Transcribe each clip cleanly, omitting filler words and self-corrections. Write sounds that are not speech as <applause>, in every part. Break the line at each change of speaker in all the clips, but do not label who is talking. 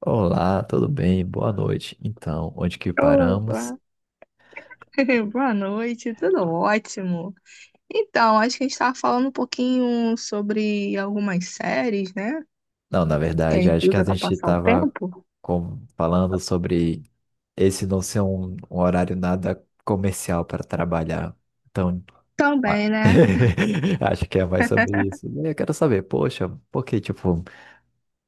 Olá, tudo bem? Boa noite. Então, onde que paramos?
Olá, <laughs> boa noite, tudo ótimo. Então, acho que a gente estava falando um pouquinho sobre algumas séries, né?
Não, na
Que a
verdade,
gente
acho que a
usa para
gente
passar o
estava
tempo.
falando sobre esse não ser um horário nada comercial para trabalhar. Então, a-
Também, né?
<laughs> acho que é mais sobre isso. Eu quero saber, poxa, por que, tipo,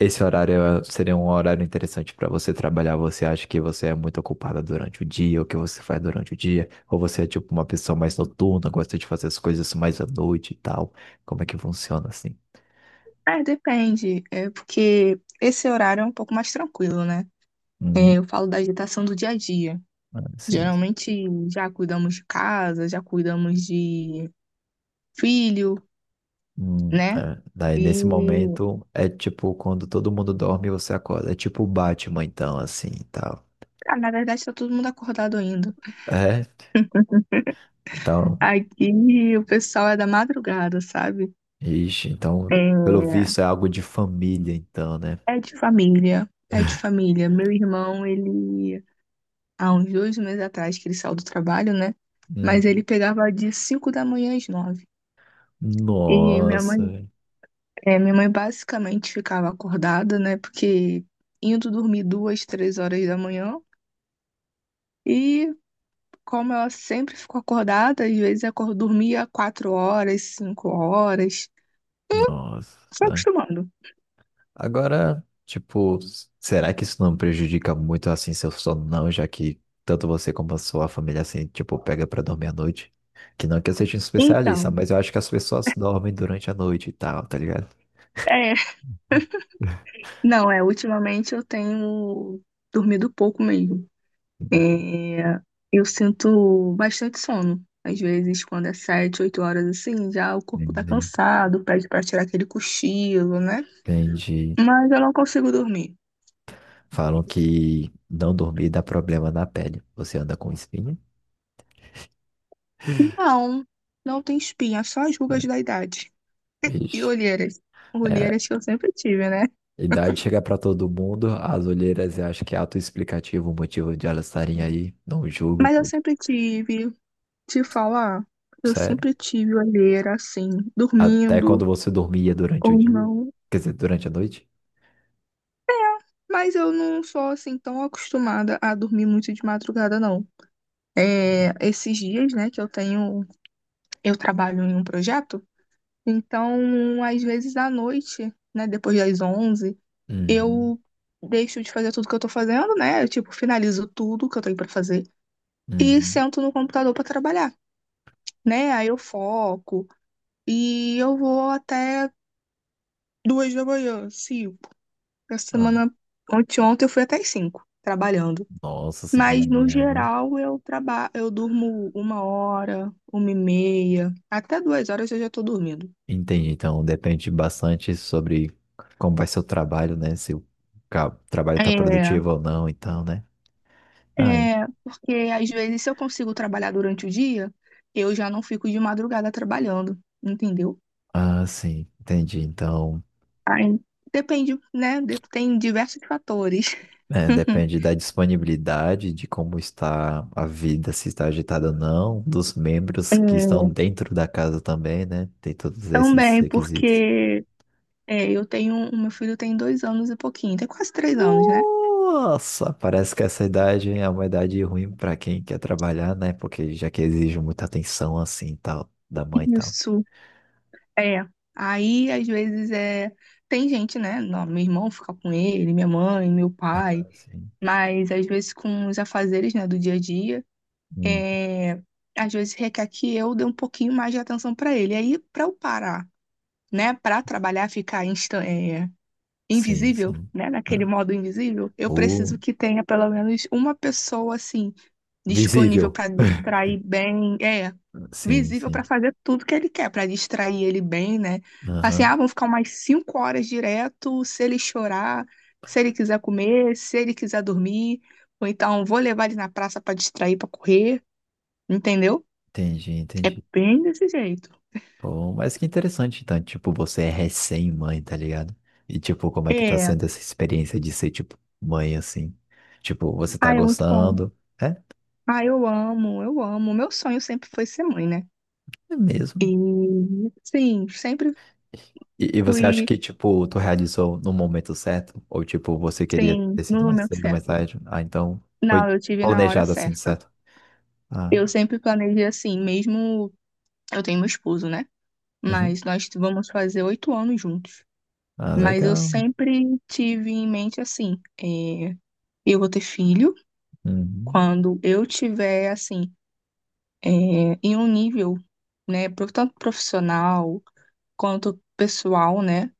esse horário seria um horário interessante para você trabalhar. Você acha que você é muito ocupada durante o dia, o que você faz durante o dia? Ou você é tipo uma pessoa mais noturna, gosta de fazer as coisas mais à noite e tal? Como é que funciona assim?
É, depende. É porque esse horário é um pouco mais tranquilo, né? É,
Hum,
eu falo da agitação do dia a dia.
ah, sim. Sim.
Geralmente já cuidamos de casa, já cuidamos de filho, né?
É. Daí nesse
E,
momento é tipo quando todo mundo dorme e você acorda. É tipo o Batman então assim e tal.
ah, na verdade, tá todo mundo acordado ainda.
É. Então,
Aqui o pessoal é da madrugada, sabe?
ixi, então pelo
É,
visto é algo de família então, né?
é de família, é de família. Meu irmão, ele, há uns 2 meses atrás que ele saiu do trabalho, né?
Hum.
Mas ele pegava de 5 da manhã às 9. E minha mãe,
Nossa.
minha mãe basicamente ficava acordada, né? Porque indo dormir 2, 3 horas da manhã. E como ela sempre ficou acordada, às vezes dormia 4 horas, 5 horas. Foi
Nossa.
acostumando.
Agora, tipo, será que isso não prejudica muito assim seu sono, não? Já que tanto você como a sua família assim, tipo, pega pra dormir à noite. Que não que eu seja um especialista,
Então,
mas eu acho que as pessoas dormem durante a noite e tal, tá ligado?
é, não, ultimamente eu tenho dormido pouco mesmo.
<laughs>
É, eu sinto bastante sono. Às vezes, quando é 7, 8 horas assim, já o corpo tá
Entendi.
cansado, pede pra tirar aquele cochilo, né?
Entendi.
Mas eu não consigo dormir.
Falam que não dormir dá problema na pele. Você anda com espinha?
Não, não tem espinha, só as rugas
É.
da idade. E
Vixe.
olheiras.
É,
Olheiras que eu sempre tive, né?
idade chega pra todo mundo, as olheiras eu acho que é autoexplicativo o motivo de elas estarem aí. Não julgo,
Mas eu
pô.
sempre tive, te falar, eu
Sério.
sempre tive olheira assim,
Até
dormindo
quando você dormia durante o
ou
dia?
não.
Quer dizer, durante a noite?
Mas eu não sou assim tão acostumada a dormir muito de madrugada, não. É, esses dias, né, que eu tenho, eu trabalho em um projeto, então, às vezes à noite, né, depois das 11,
Uhum.
eu deixo de fazer tudo que eu tô fazendo, né, eu, tipo, finalizo tudo que eu tenho pra fazer e
Uhum.
sento no computador pra trabalhar, né, aí eu foco e eu vou até 2 da manhã, cinco. Essa
Ah,
semana, ontem eu fui até as 5 trabalhando.
nossa, cinco da
Mas no
manhã, né?
geral eu trabalho, eu durmo 1 hora, uma e meia, até 2 horas eu já tô dormindo.
Entendi. Então, depende bastante sobre como vai ser o trabalho, né? Se o trabalho tá
É,
produtivo ou não, então, né? Ah, en-
é, porque às vezes se eu consigo trabalhar durante o dia, eu já não fico de madrugada trabalhando, entendeu?
ah, sim, entendi. Então,
Aí, depende, né? Tem diversos fatores.
é, depende
<laughs>
da disponibilidade, de como está a vida, se está agitada ou não, dos membros
É,
que estão dentro da casa também, né? Tem todos esses
também
requisitos.
porque o meu filho tem 2 anos e pouquinho, tem quase 3 anos, né?
Nossa, parece que essa idade é uma idade ruim pra quem quer trabalhar, né? Porque já que exige muita atenção assim, tal, da mãe e tal.
Isso. É. Aí, às vezes, é. Tem gente, né? Não, meu irmão fica com ele, minha mãe, meu pai.
Sim.
Mas, às vezes, com os afazeres, né, do dia a dia,
Hum.
é... às vezes requer que eu dê um pouquinho mais de atenção pra ele. Aí, pra eu parar, né? Pra trabalhar, ficar
Sim,
invisível,
sim.
né? Naquele
Ah,
modo invisível, eu
o
preciso que tenha pelo menos uma pessoa, assim, disponível
visível.
para
<laughs>
distrair bem,
Sim,
visível para
sim.
fazer tudo que ele quer, para distrair ele bem, né? Assim, ah,
Aham.
vão ficar umas 5 horas direto, se ele chorar, se ele quiser comer, se ele quiser dormir, ou então vou levar ele na praça para distrair, para correr, entendeu?
Entendi,
É
entendi.
bem desse jeito.
Pô, mas que interessante, então, tipo, você é recém-mãe, tá ligado? E, tipo, como é que tá
É,
sendo essa experiência de ser, tipo, mãe, assim? Tipo, você tá
ah, é muito bom.
gostando? É,
Ah, eu amo, eu amo. Meu sonho sempre foi ser mãe, né?
é
E
mesmo.
sim, sempre
E você acha
fui,
que, tipo, tu realizou no momento certo? Ou, tipo, você queria
sim,
ter
no
sido mais
momento
cedo, mais
certo.
tarde? Ah, então foi
Não, eu tive na hora
planejado assim, de
certa.
certo? Ah,
Eu sempre planejei assim, mesmo eu tenho meu esposo, né?
uhum.
Mas nós vamos fazer 8 anos juntos.
Ah,
Mas eu
legal, né?
sempre tive em mente assim, eu vou ter filho
Uhum.
quando eu tiver assim, é, em um nível, né, tanto profissional quanto pessoal, né,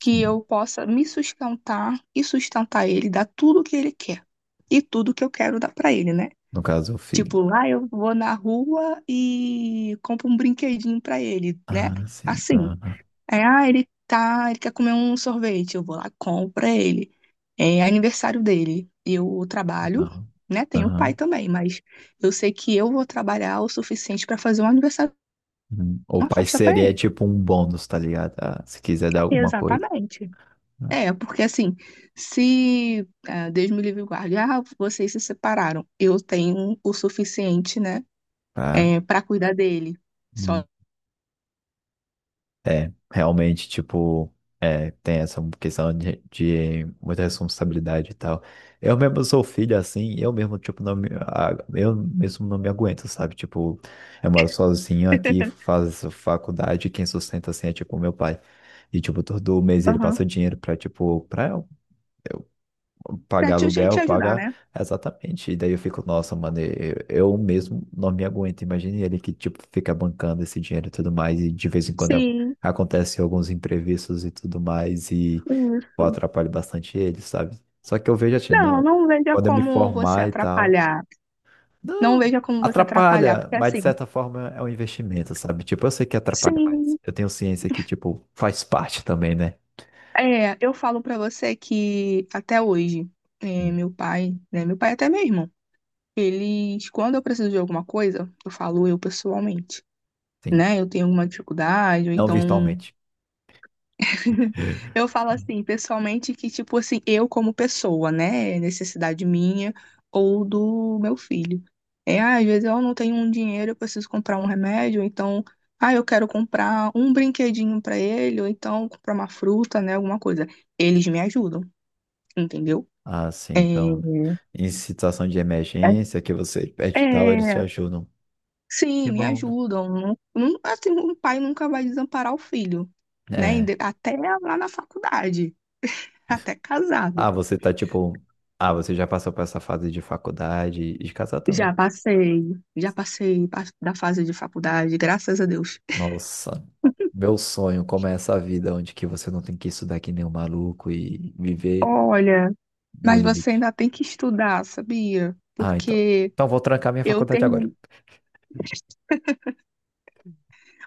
que eu possa me sustentar e sustentar ele, dar tudo o que ele quer e tudo que eu quero dar pra ele, né?
No caso, o filho.
Tipo, lá eu vou na rua e compro um brinquedinho pra ele, né?
Ah, sim.
Assim.
Aham.
É, ah, ele quer comer um sorvete, eu vou lá, compro pra ele. É aniversário dele. Eu trabalho,
Não.
né? Tenho pai
Aham.
também, mas eu sei que eu vou trabalhar o suficiente pra fazer um aniversário,
Uhum. O
uma
pai
festa pra
seria,
ele.
tipo, um bônus, tá ligado? Ah, se quiser dar alguma coisa.
Exatamente.
Ah,
É, porque assim, se ah, Deus me livre e guarde, ah, vocês se separaram, eu tenho o suficiente, né,
tá.
para cuidar dele. Só.
É, realmente, tipo, é, tem essa questão de muita responsabilidade e tal. Eu mesmo sou filho, assim, eu mesmo, tipo, não me, a- eu mesmo não me aguento, sabe? Tipo, eu moro sozinho aqui, faço faculdade, quem sustenta, assim, é, tipo, meu pai. E, tipo, todo mês ele passa dinheiro pra, tipo, pra
Pra
pagar
te,
aluguel,
te ajudar,
pagar.
né?
Exatamente. E daí eu fico, nossa, mano, eu mesmo não me aguento. Imagine ele que, tipo, fica bancando esse dinheiro e tudo mais, e de vez em quando
Sim,
acontecem alguns imprevistos e tudo mais, e eu
isso.
atrapalho bastante ele, sabe? Só que eu vejo assim,
Não,
não,
não veja
quando eu me
como você
formar e tal,
atrapalhar. Não
não,
veja como você atrapalhar,
atrapalha,
porque
mas de
assim,
certa forma é um investimento, sabe? Tipo, eu sei que atrapalha, mas
sim,
eu tenho ciência que, tipo, faz parte também, né?
eu falo pra você que até hoje,
Hum.
meu pai, né, meu pai até mesmo, eles, quando eu preciso de alguma coisa, eu falo eu pessoalmente,
Sim,
né? Eu tenho alguma dificuldade, ou
não
então
virtualmente.
<laughs> eu falo assim, pessoalmente, que, tipo assim, eu como pessoa, né? É necessidade minha ou do meu filho. É, ah, às vezes eu não tenho um dinheiro, eu preciso comprar um remédio, ou então, ah, eu quero comprar um brinquedinho pra ele, ou então comprar uma fruta, né? Alguma coisa. Eles me ajudam, entendeu?
Ah, sim.
É,
Então, em situação de emergência, que você
é,
pede tal, eles te
é,
ajudam. Que
sim, me
bom.
ajudam. Não, assim, um pai nunca vai desamparar o filho, né?
É.
Até lá na faculdade, até casado.
Ah, você tá tipo. Ah, você já passou por essa fase de faculdade e de casar também.
Já passei, já passei da fase de faculdade, graças a Deus.
Nossa, meu sonho, como é essa vida onde que você não tem que estudar que nem um maluco e viver
Olha,
no
mas você
limite.
ainda tem que estudar, sabia?
Ah, então.
Porque
Então vou trancar minha
eu
faculdade agora.
terminei. <laughs>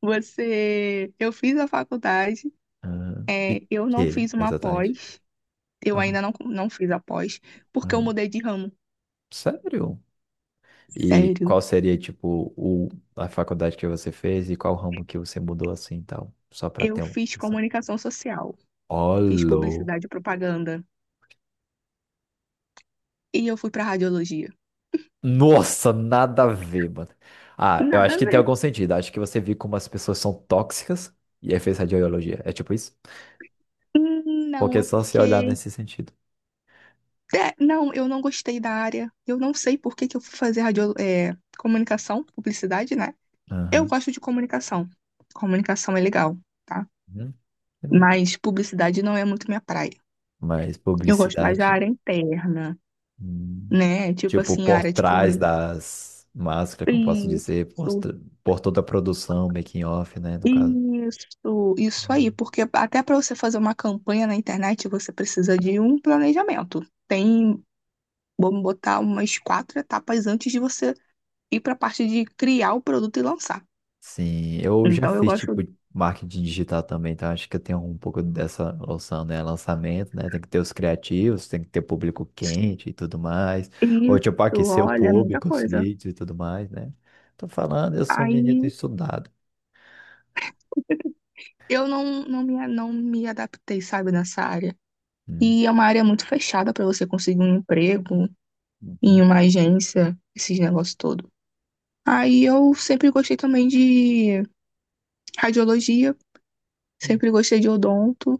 Eu fiz a faculdade,
Ah, e
eu não
que,
fiz uma
exatamente?
pós, eu
Ah,
ainda
não.
não, não fiz a pós, porque eu
Ah,
mudei de ramo.
sério? E
Sério,
qual seria, tipo, o, a faculdade que você fez e qual ramo que você mudou assim e tal? Só pra
eu
ter uma
fiz
noção.
comunicação social,
Ó,
fiz
louco.
publicidade e propaganda, e eu fui para radiologia.
Nossa, nada a ver, mano. Ah, eu
Nada
acho
a
que tem
ver.
algum sentido. Acho que você viu como as pessoas são tóxicas e aí fez radiologia. É tipo isso?
Hum.
Porque
Não,
é
é
só se olhar
porque,
nesse sentido.
Não, eu não gostei da área. Eu não sei por que que eu fui fazer comunicação, publicidade, né? Eu
Aham.
gosto de comunicação. Comunicação é legal, tá?
Uhum. Tá bom.
Mas publicidade não é muito minha praia.
Mas
Eu gosto mais da
publicidade,
área interna,
hum,
né? Tipo
tipo,
assim,
por
área de
trás
comunicação.
das máscaras, como posso dizer,
Isso,
por toda a produção, making off, né, no caso.
isso aí. Porque até para você fazer uma campanha na internet, você precisa de um planejamento. Tem, vamos botar umas quatro etapas antes de você ir para a parte de criar o produto e lançar.
Sim, eu já
Então eu
fiz tipo
gosto
marketing digital também, então acho que eu tenho um pouco dessa noção, né? Lançamento, né? Tem que ter os criativos, tem que ter público quente e tudo mais. Ou tipo,
isso,
aquecer o
olha, é muita
público, os
coisa.
leads e tudo mais, né? Tô falando, eu sou um menino
Aí
estudado.
eu não me adaptei, sabe, nessa área.
Hum.
E é uma área muito fechada para você conseguir um emprego em
Uhum.
uma agência, esses negócios todo. Aí eu sempre gostei também de radiologia,
Uhum.
sempre gostei de odonto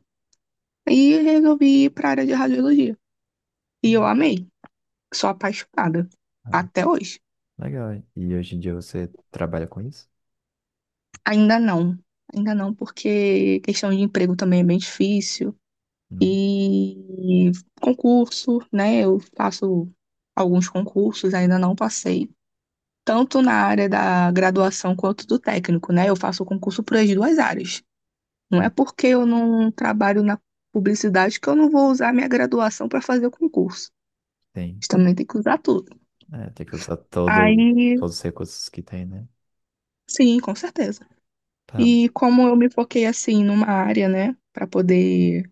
e resolvi ir para a área de radiologia. E eu
Uhum.
amei, sou apaixonada
Ah,
até hoje.
legal, hein? E hoje em dia você trabalha com isso?
Ainda não, ainda não, porque questão de emprego também é bem difícil.
Hum.
E concurso, né? Eu faço alguns concursos, ainda não passei, tanto na área da graduação quanto do técnico, né? Eu faço concurso para as duas áreas. Não é
Hum.
porque eu não trabalho na publicidade que eu não vou usar minha graduação para fazer o concurso.
Tem.
A também tem que usar tudo.
É, tem que usar todo,
Aí,
todos os recursos que tem, né?
sim, com certeza.
Tá.
E como eu me foquei assim numa área, né, para poder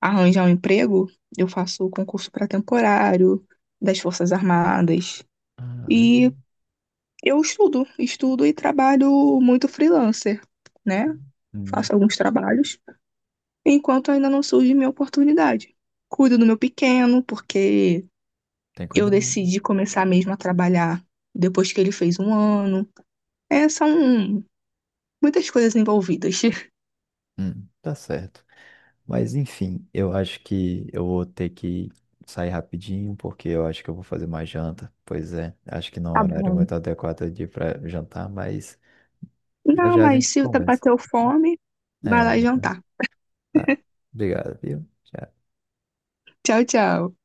arranjar um emprego, eu faço concurso para temporário das Forças Armadas.
Ah, legal.
E eu estudo, estudo e trabalho muito freelancer, né?
Hum.
Faço alguns trabalhos, enquanto ainda não surge minha oportunidade. Cuido do meu pequeno, porque
Tem
eu
cuidado.
decidi começar mesmo a trabalhar depois que ele fez 1 ano. É, são muitas coisas envolvidas. <laughs>
Tá certo. Mas enfim, eu acho que eu vou ter que sair rapidinho, porque eu acho que eu vou fazer uma janta. Pois é, acho que não é um
Tá
horário
bom.
muito adequado de ir para jantar, mas já
Não,
já a
mas
gente
se
conversa.
bateu fome, vai
É,
lá jantar.
tá. Obrigado, viu? Tchau.
Tchau, tchau.